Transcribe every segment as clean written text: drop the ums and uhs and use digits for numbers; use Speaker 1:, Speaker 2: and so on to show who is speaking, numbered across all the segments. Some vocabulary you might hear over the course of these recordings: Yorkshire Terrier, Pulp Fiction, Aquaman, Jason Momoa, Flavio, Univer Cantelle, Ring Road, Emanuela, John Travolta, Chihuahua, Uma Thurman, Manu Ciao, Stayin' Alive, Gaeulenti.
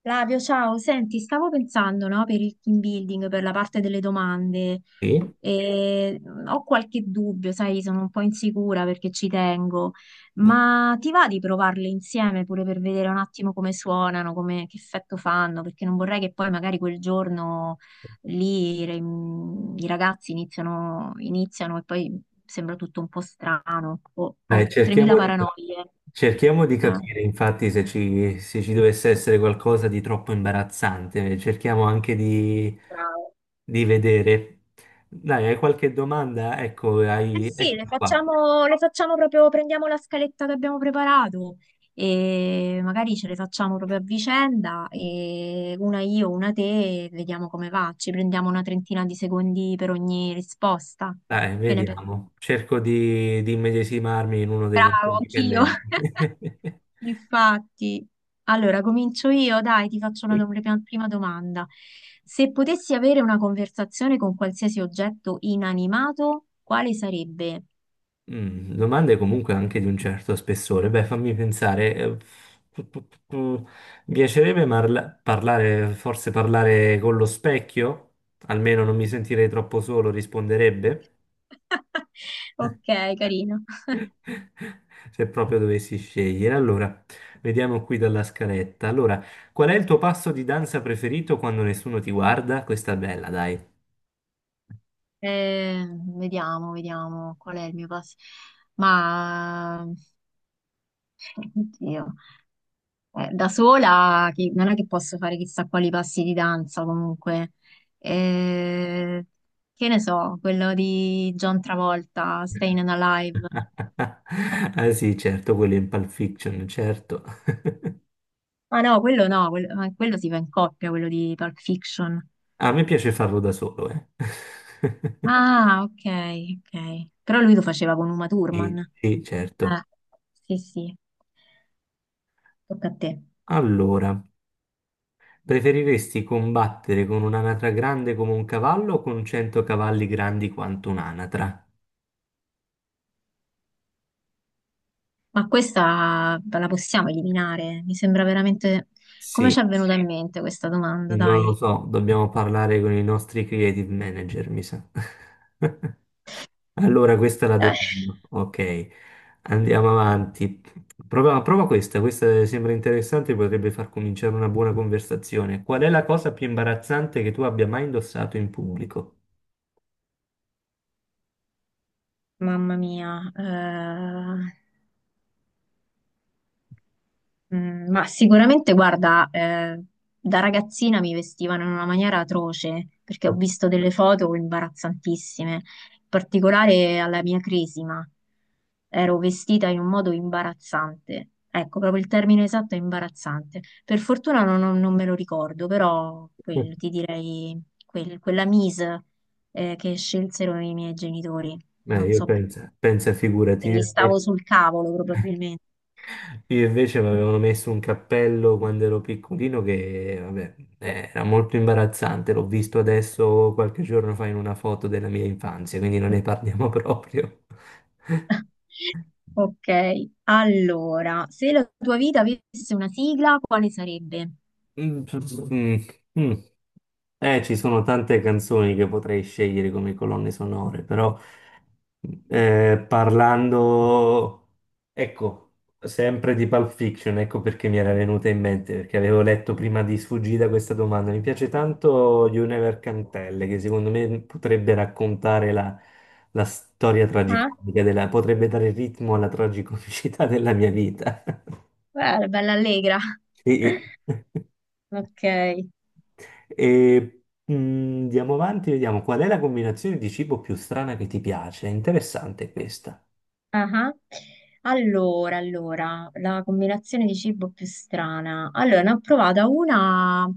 Speaker 1: Flavio, ciao, senti, stavo pensando, no, per il team building, per la parte delle domande,
Speaker 2: Sì,
Speaker 1: e ho qualche dubbio, sai, sono un po' insicura perché ci tengo, ma ti va di provarle insieme pure per vedere un attimo come suonano, come, che effetto fanno, perché non vorrei che poi magari quel giorno lì i ragazzi iniziano e poi sembra tutto un po' strano, ho
Speaker 2: dai,
Speaker 1: 3000
Speaker 2: cerchiamo di,
Speaker 1: paranoie.
Speaker 2: cerchiamo di
Speaker 1: Eh,
Speaker 2: capire infatti se ci dovesse essere qualcosa di troppo imbarazzante, cerchiamo anche di,
Speaker 1: bravo.
Speaker 2: di vedere. Dai, hai qualche domanda? Ecco,
Speaker 1: Eh sì, le
Speaker 2: eccomi qua.
Speaker 1: facciamo, le facciamo proprio, prendiamo la scaletta che abbiamo preparato e magari ce le facciamo proprio a vicenda, e una io, una te, e vediamo come va. Ci prendiamo una trentina di secondi per ogni risposta.
Speaker 2: Dai,
Speaker 1: Che ne pensi?
Speaker 2: vediamo. Cerco di immedesimarmi in uno dei nostri
Speaker 1: Bravo, anch'io.
Speaker 2: dipendenti.
Speaker 1: Infatti. Allora, comincio io, dai, ti faccio una prima domanda. Se potessi avere una conversazione con qualsiasi oggetto inanimato, quale sarebbe?
Speaker 2: Domande comunque anche di un certo spessore. Beh, fammi pensare. Pu- pu- pu- pu- Mi piacerebbe parlare, forse parlare con lo specchio? Almeno non mi sentirei troppo solo, risponderebbe.
Speaker 1: Ok, carino.
Speaker 2: Se proprio dovessi scegliere. Allora, vediamo qui dalla scaletta. Allora, qual è il tuo passo di danza preferito quando nessuno ti guarda? Questa è bella, dai.
Speaker 1: Eh, vediamo qual è il mio passo. Ma, oddio, da sola non è che posso fare chissà quali passi di danza comunque. Eh, che ne so, quello di John Travolta, Stayin' Alive.
Speaker 2: Ah sì, certo, quello in Pulp Fiction, certo.
Speaker 1: Ah no, quello no, quello, ma quello si fa in coppia, quello di Pulp Fiction.
Speaker 2: A me piace farlo da solo, eh.
Speaker 1: Ah, ok, ok. Però lui lo faceva con Uma Thurman.
Speaker 2: Sì, sì, certo.
Speaker 1: Sì, sì, tocca a te.
Speaker 2: Allora, preferiresti combattere con un'anatra grande come un cavallo o con 100 cavalli grandi quanto un'anatra?
Speaker 1: Ma questa la possiamo eliminare? Mi sembra veramente. Come
Speaker 2: Sì,
Speaker 1: ci è venuta , sì, in mente questa domanda,
Speaker 2: non lo
Speaker 1: dai?
Speaker 2: so, dobbiamo parlare con i nostri creative manager, mi sa. Allora, questa la
Speaker 1: Eh,
Speaker 2: defino. Ok, andiamo avanti. Prova, prova questa, sembra interessante, potrebbe far cominciare una buona conversazione. Qual è la cosa più imbarazzante che tu abbia mai indossato in pubblico?
Speaker 1: Mamma mia. Ma sicuramente, guarda, da ragazzina mi vestivano in una maniera atroce, perché ho visto delle foto imbarazzantissime, in particolare alla mia cresima. Ero vestita in un modo imbarazzante. Ecco, proprio il termine esatto è imbarazzante. Per fortuna non me lo ricordo, però quello, ti direi quella mise che scelsero i miei genitori. Non so
Speaker 2: Pensa, figurati,
Speaker 1: perché, gli
Speaker 2: io
Speaker 1: stavo
Speaker 2: invece,
Speaker 1: sul cavolo probabilmente.
Speaker 2: io invece mi avevano messo un cappello quando ero piccolino che, vabbè, era molto imbarazzante, l'ho visto adesso qualche giorno fa in una foto della mia infanzia, quindi non ne parliamo proprio.
Speaker 1: Ok, allora, se la tua vita avesse una sigla, quale sarebbe?
Speaker 2: Mm, mm, mm. Ci sono tante canzoni che potrei scegliere come colonne sonore, però parlando, ecco, sempre di Pulp Fiction, ecco perché mi era venuta in mente, perché avevo letto prima di sfuggita questa domanda. Mi piace tanto Univer Cantelle, che secondo me potrebbe raccontare la storia
Speaker 1: Ah,
Speaker 2: tragicomica potrebbe dare ritmo alla tragicomicità della mia vita.
Speaker 1: bella, bella allegra.
Speaker 2: Sì.
Speaker 1: Ok,
Speaker 2: E andiamo avanti, vediamo qual è la combinazione di cibo più strana che ti piace. È interessante questa.
Speaker 1: aha. Allora, la combinazione di cibo più strana. Allora, ne ho provata una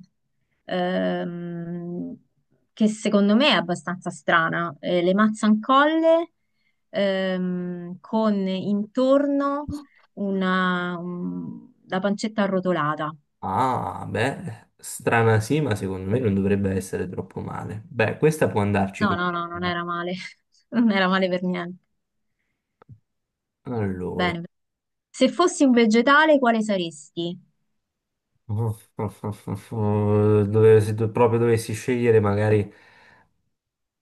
Speaker 1: ehm, che secondo me è abbastanza strana. Le mazzancolle con intorno la pancetta arrotolata.
Speaker 2: Ah, beh, strana sì, ma secondo me non dovrebbe essere troppo male. Beh, questa può andarci
Speaker 1: No,
Speaker 2: con.
Speaker 1: no, no, non era male. Non era male per niente.
Speaker 2: Allora,
Speaker 1: Bene. Se fossi un vegetale, quale saresti?
Speaker 2: dove, se do- proprio dovessi scegliere magari.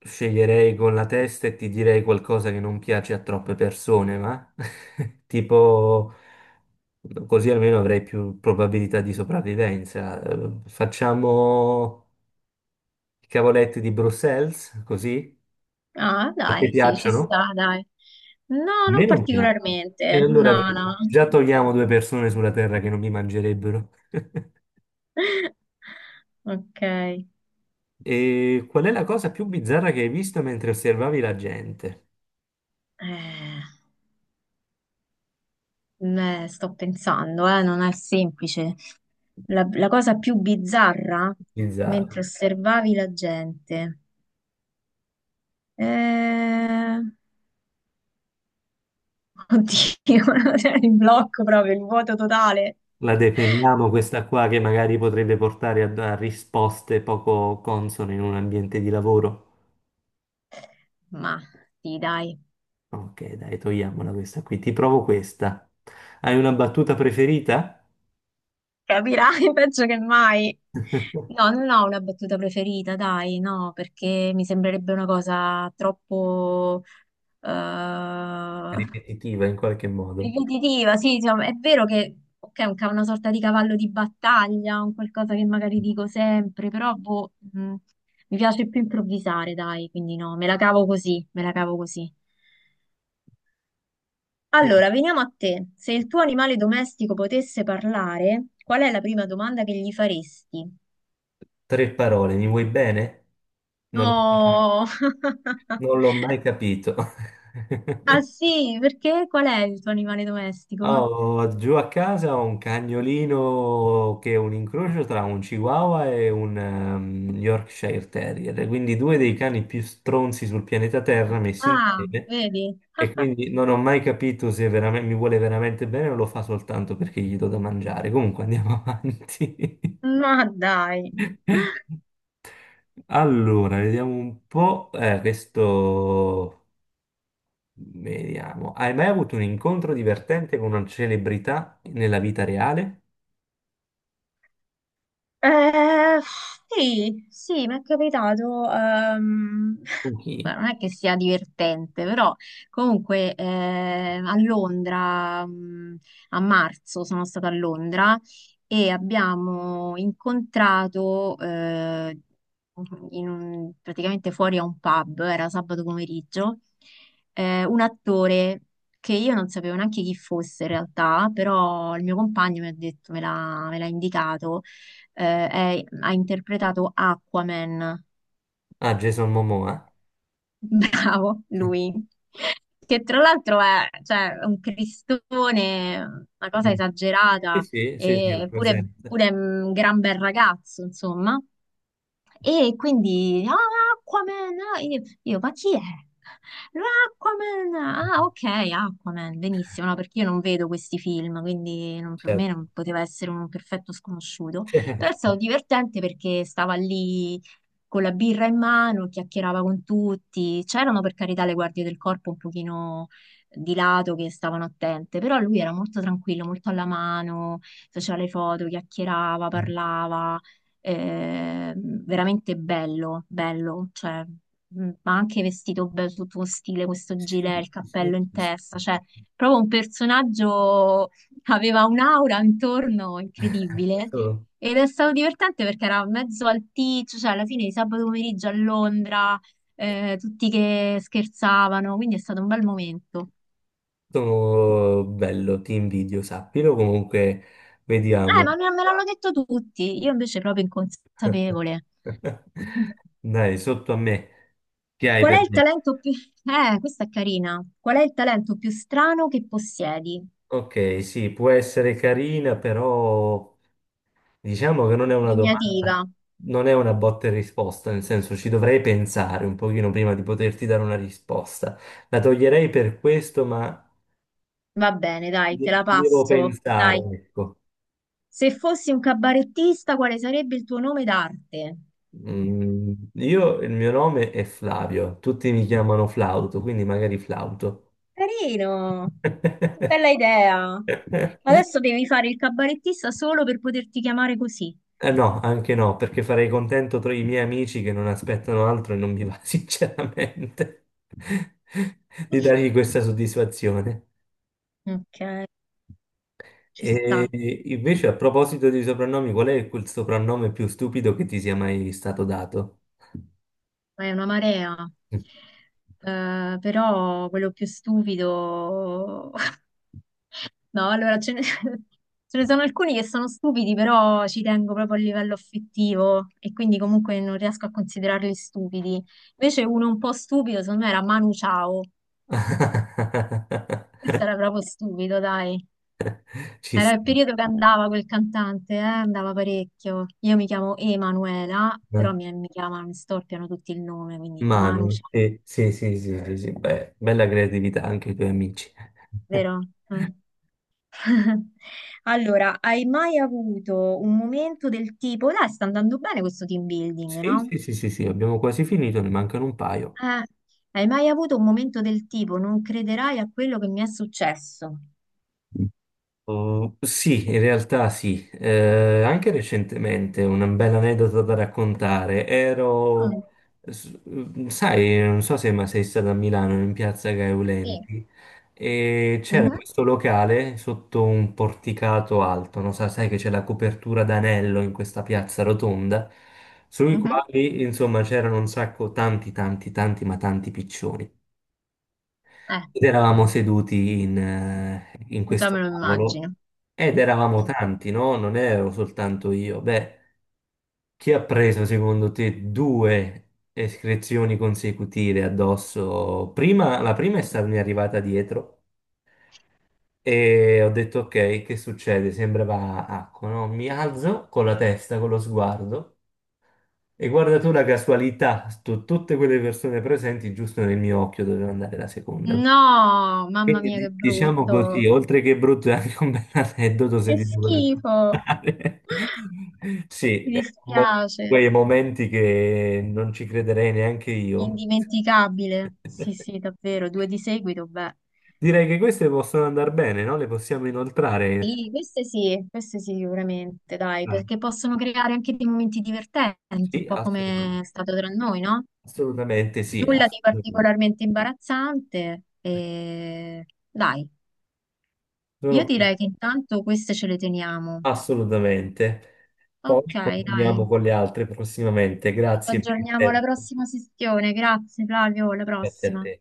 Speaker 2: Sceglierei con la testa e ti direi qualcosa che non piace a troppe persone, ma tipo così almeno avrei più probabilità di sopravvivenza. Facciamo i cavoletti di Bruxelles, così?
Speaker 1: Ah,
Speaker 2: A te
Speaker 1: dai, sì, ci
Speaker 2: piacciono?
Speaker 1: sta, dai. No,
Speaker 2: A me
Speaker 1: non
Speaker 2: non piacciono. E
Speaker 1: particolarmente.
Speaker 2: allora
Speaker 1: No,
Speaker 2: vedi,
Speaker 1: no.
Speaker 2: già togliamo due persone sulla terra che non mi mangerebbero.
Speaker 1: Ok.
Speaker 2: E qual è la cosa più bizzarra che hai visto mentre osservavi la gente?
Speaker 1: Beh, sto pensando, non è semplice. La cosa più bizzarra mentre
Speaker 2: Bizzarra.
Speaker 1: osservavi la gente. Eh, Oddio, cioè, il blocco proprio, il vuoto totale.
Speaker 2: La definiamo questa qua che magari potrebbe portare a risposte poco consone in un ambiente di lavoro?
Speaker 1: Ma sì, dai,
Speaker 2: Ok, dai, togliamola questa qui. Ti provo questa. Hai una battuta preferita?
Speaker 1: capirai peggio che mai. No, non ho una battuta preferita, dai, no, perché mi sembrerebbe una cosa troppo eh,
Speaker 2: Ripetitiva in qualche modo.
Speaker 1: ripetitiva. Sì, insomma, è vero che ok, un una sorta di cavallo di battaglia, un qualcosa che magari dico sempre, però boh, mi piace più improvvisare, dai, quindi no, me la cavo così, me la cavo così. Allora, veniamo a te. Se il tuo animale domestico potesse parlare, qual è la prima domanda che gli faresti?
Speaker 2: Tre parole, mi vuoi bene? Non l'ho
Speaker 1: Oh,
Speaker 2: non l'ho mai capito.
Speaker 1: ah sì, perché qual è il tuo animale
Speaker 2: Ah,
Speaker 1: domestico?
Speaker 2: Ho giù a casa ho un cagnolino che è un incrocio tra un Chihuahua e un Yorkshire Terrier, quindi due dei cani più stronzi sul pianeta Terra messi
Speaker 1: Ah,
Speaker 2: insieme.
Speaker 1: vedi?
Speaker 2: E quindi non ho mai capito se veramente, mi vuole veramente bene o lo fa soltanto perché gli do da mangiare. Comunque andiamo avanti.
Speaker 1: Ma dai.
Speaker 2: Allora, vediamo un po'. Questo. Vediamo. Hai mai avuto un incontro divertente con una celebrità nella vita reale?
Speaker 1: Eh, sì, sì, mi è capitato.
Speaker 2: Con chi?
Speaker 1: ma non è che sia divertente, però comunque a Londra, a marzo sono stata a Londra e abbiamo incontrato praticamente fuori a un pub, era sabato pomeriggio, un attore che io non sapevo neanche chi fosse in realtà, però il mio compagno mi ha detto, me l'ha indicato ha interpretato Aquaman.
Speaker 2: Ah, Jason Momoa.
Speaker 1: Bravo, lui. Che tra l'altro è, cioè, un cristone, una cosa
Speaker 2: Sì,
Speaker 1: esagerata,
Speaker 2: sì, sì, sì, ho
Speaker 1: eppure pure
Speaker 2: presente.
Speaker 1: pure un gran bel ragazzo, insomma. E quindi, ah, Aquaman, ah, io, ma chi è? L'Aquaman, ah, ok, Aquaman, benissimo, no, perché io non vedo questi film, quindi per me
Speaker 2: Certo,
Speaker 1: non poteva essere un perfetto sconosciuto, però è stato
Speaker 2: certo.
Speaker 1: divertente perché stava lì con la birra in mano, chiacchierava con tutti, c'erano per carità le guardie del corpo un pochino di lato che stavano attente, però lui era molto tranquillo, molto alla mano, faceva le foto, chiacchierava, parlava veramente bello, bello, cioè, ma anche vestito bello, tutto con stile, questo gilet,
Speaker 2: Sì,
Speaker 1: il
Speaker 2: sì,
Speaker 1: cappello in
Speaker 2: sì, sì.
Speaker 1: testa, cioè, proprio un personaggio che aveva un'aura intorno incredibile.
Speaker 2: Sono,
Speaker 1: Ed è stato divertente perché era mezzo alticcio, cioè alla fine di sabato pomeriggio a Londra, tutti che scherzavano, quindi è stato un bel momento.
Speaker 2: sono bello, ti invidio, sappilo. Comunque, vediamo.
Speaker 1: Ma me l'hanno detto tutti, io invece proprio inconsapevole.
Speaker 2: Dai, sotto a me. Che hai
Speaker 1: Qual è
Speaker 2: per
Speaker 1: il
Speaker 2: me?
Speaker 1: talento più... questa è carina. Qual è il talento più strano che possiedi?
Speaker 2: Ok, sì, può essere carina, però, diciamo che non è una
Speaker 1: Impegnativa.
Speaker 2: domanda, non è una botta e risposta, nel senso ci dovrei pensare un pochino prima di poterti dare una risposta. La toglierei per questo, ma
Speaker 1: Va bene, dai, te la
Speaker 2: ci devo
Speaker 1: passo.
Speaker 2: pensare,
Speaker 1: Dai.
Speaker 2: ecco.
Speaker 1: Se fossi un cabarettista, quale sarebbe il tuo nome d'arte?
Speaker 2: Il mio nome è Flavio, tutti mi chiamano Flauto, quindi magari Flauto.
Speaker 1: Carino. Che bella idea. Adesso devi fare il cabarettista solo per poterti chiamare così.
Speaker 2: No, anche no, perché farei contento tra i miei amici che non aspettano altro e non mi va sinceramente di dargli questa soddisfazione.
Speaker 1: Ok, ci
Speaker 2: E
Speaker 1: sta.
Speaker 2: invece, a proposito di soprannomi, qual è quel soprannome più stupido che ti sia mai stato dato?
Speaker 1: È una marea. Però quello più stupido. No, allora ce ne, ce ne sono alcuni che sono stupidi, però ci tengo proprio a livello affettivo e quindi comunque non riesco a considerarli stupidi. Invece uno un po' stupido, secondo me, era Manu Ciao. Questo era proprio stupido, dai.
Speaker 2: Ci
Speaker 1: Era il
Speaker 2: sta.
Speaker 1: periodo che andava quel cantante, andava parecchio. Io mi chiamo Emanuela, però
Speaker 2: Eh.
Speaker 1: mi chiamano, mi storpiano tutti il nome, quindi Manu
Speaker 2: Manu,
Speaker 1: Ciao,
Speaker 2: sì, sì, sì, sì, sì, sì. Beh, bella creatività anche i tuoi amici.
Speaker 1: vero? Mm. Allora, hai mai avuto un momento del tipo, dai, sta andando bene questo team building,
Speaker 2: Sì,
Speaker 1: no?
Speaker 2: sì, sì, sì, sì, abbiamo quasi finito, ne mancano un paio.
Speaker 1: Ah, hai mai avuto un momento del tipo, non crederai a quello che mi è successo?
Speaker 2: Oh, sì, in realtà sì, anche recentemente una bella aneddota da raccontare.
Speaker 1: Mm.
Speaker 2: Sai, non so se ma sei stata a Milano, in piazza
Speaker 1: Sì.
Speaker 2: Gaeulenti, e c'era
Speaker 1: Mhm.
Speaker 2: questo locale sotto un porticato alto, non so, sai che c'è la copertura d'anello in questa piazza rotonda, sui
Speaker 1: Mhm.
Speaker 2: quali, insomma, c'erano un sacco, tanti, tanti, tanti, ma tanti piccioni.
Speaker 1: Eh,
Speaker 2: Ed eravamo seduti in
Speaker 1: già me
Speaker 2: questo
Speaker 1: lo
Speaker 2: tavolo
Speaker 1: immagino.
Speaker 2: ed eravamo
Speaker 1: Sì.
Speaker 2: tanti, no? Non ero soltanto io. Beh, chi ha preso secondo te due escrezioni consecutive addosso? La prima è stata mi è arrivata dietro e ho detto ok, che succede? Sembrava acqua, no? Mi alzo con la testa, con lo sguardo e guarda tu la casualità, tutte quelle persone presenti giusto nel mio occhio doveva andare la seconda.
Speaker 1: No, mamma
Speaker 2: Quindi
Speaker 1: mia, che
Speaker 2: diciamo così,
Speaker 1: brutto.
Speaker 2: oltre che brutto è anche un bel aneddoto
Speaker 1: Che
Speaker 2: se ti devo raccontare.
Speaker 1: schifo.
Speaker 2: Sì,
Speaker 1: Mi
Speaker 2: è un mo-
Speaker 1: dispiace.
Speaker 2: quei momenti che non ci crederei neanche io.
Speaker 1: Indimenticabile. Sì, sì, davvero, due di seguito, beh.
Speaker 2: Direi che queste possono andare bene, no? Le possiamo inoltrare.
Speaker 1: Sì, queste sì, queste sì, sicuramente, dai,
Speaker 2: Ah,
Speaker 1: perché possono creare anche dei momenti divertenti, un
Speaker 2: sì,
Speaker 1: po' come
Speaker 2: assolutamente.
Speaker 1: è stato tra noi, no?
Speaker 2: Assolutamente sì,
Speaker 1: Nulla di
Speaker 2: assolutamente.
Speaker 1: particolarmente imbarazzante. Dai, io
Speaker 2: Sono-
Speaker 1: direi che intanto queste ce le teniamo.
Speaker 2: assolutamente. Poi
Speaker 1: Ok, dai.
Speaker 2: continuiamo con le altre prossimamente.
Speaker 1: Ci
Speaker 2: Grazie per il
Speaker 1: aggiorniamo alla
Speaker 2: tempo.
Speaker 1: prossima sessione. Grazie, Flavio, alla
Speaker 2: Grazie a
Speaker 1: prossima.
Speaker 2: te.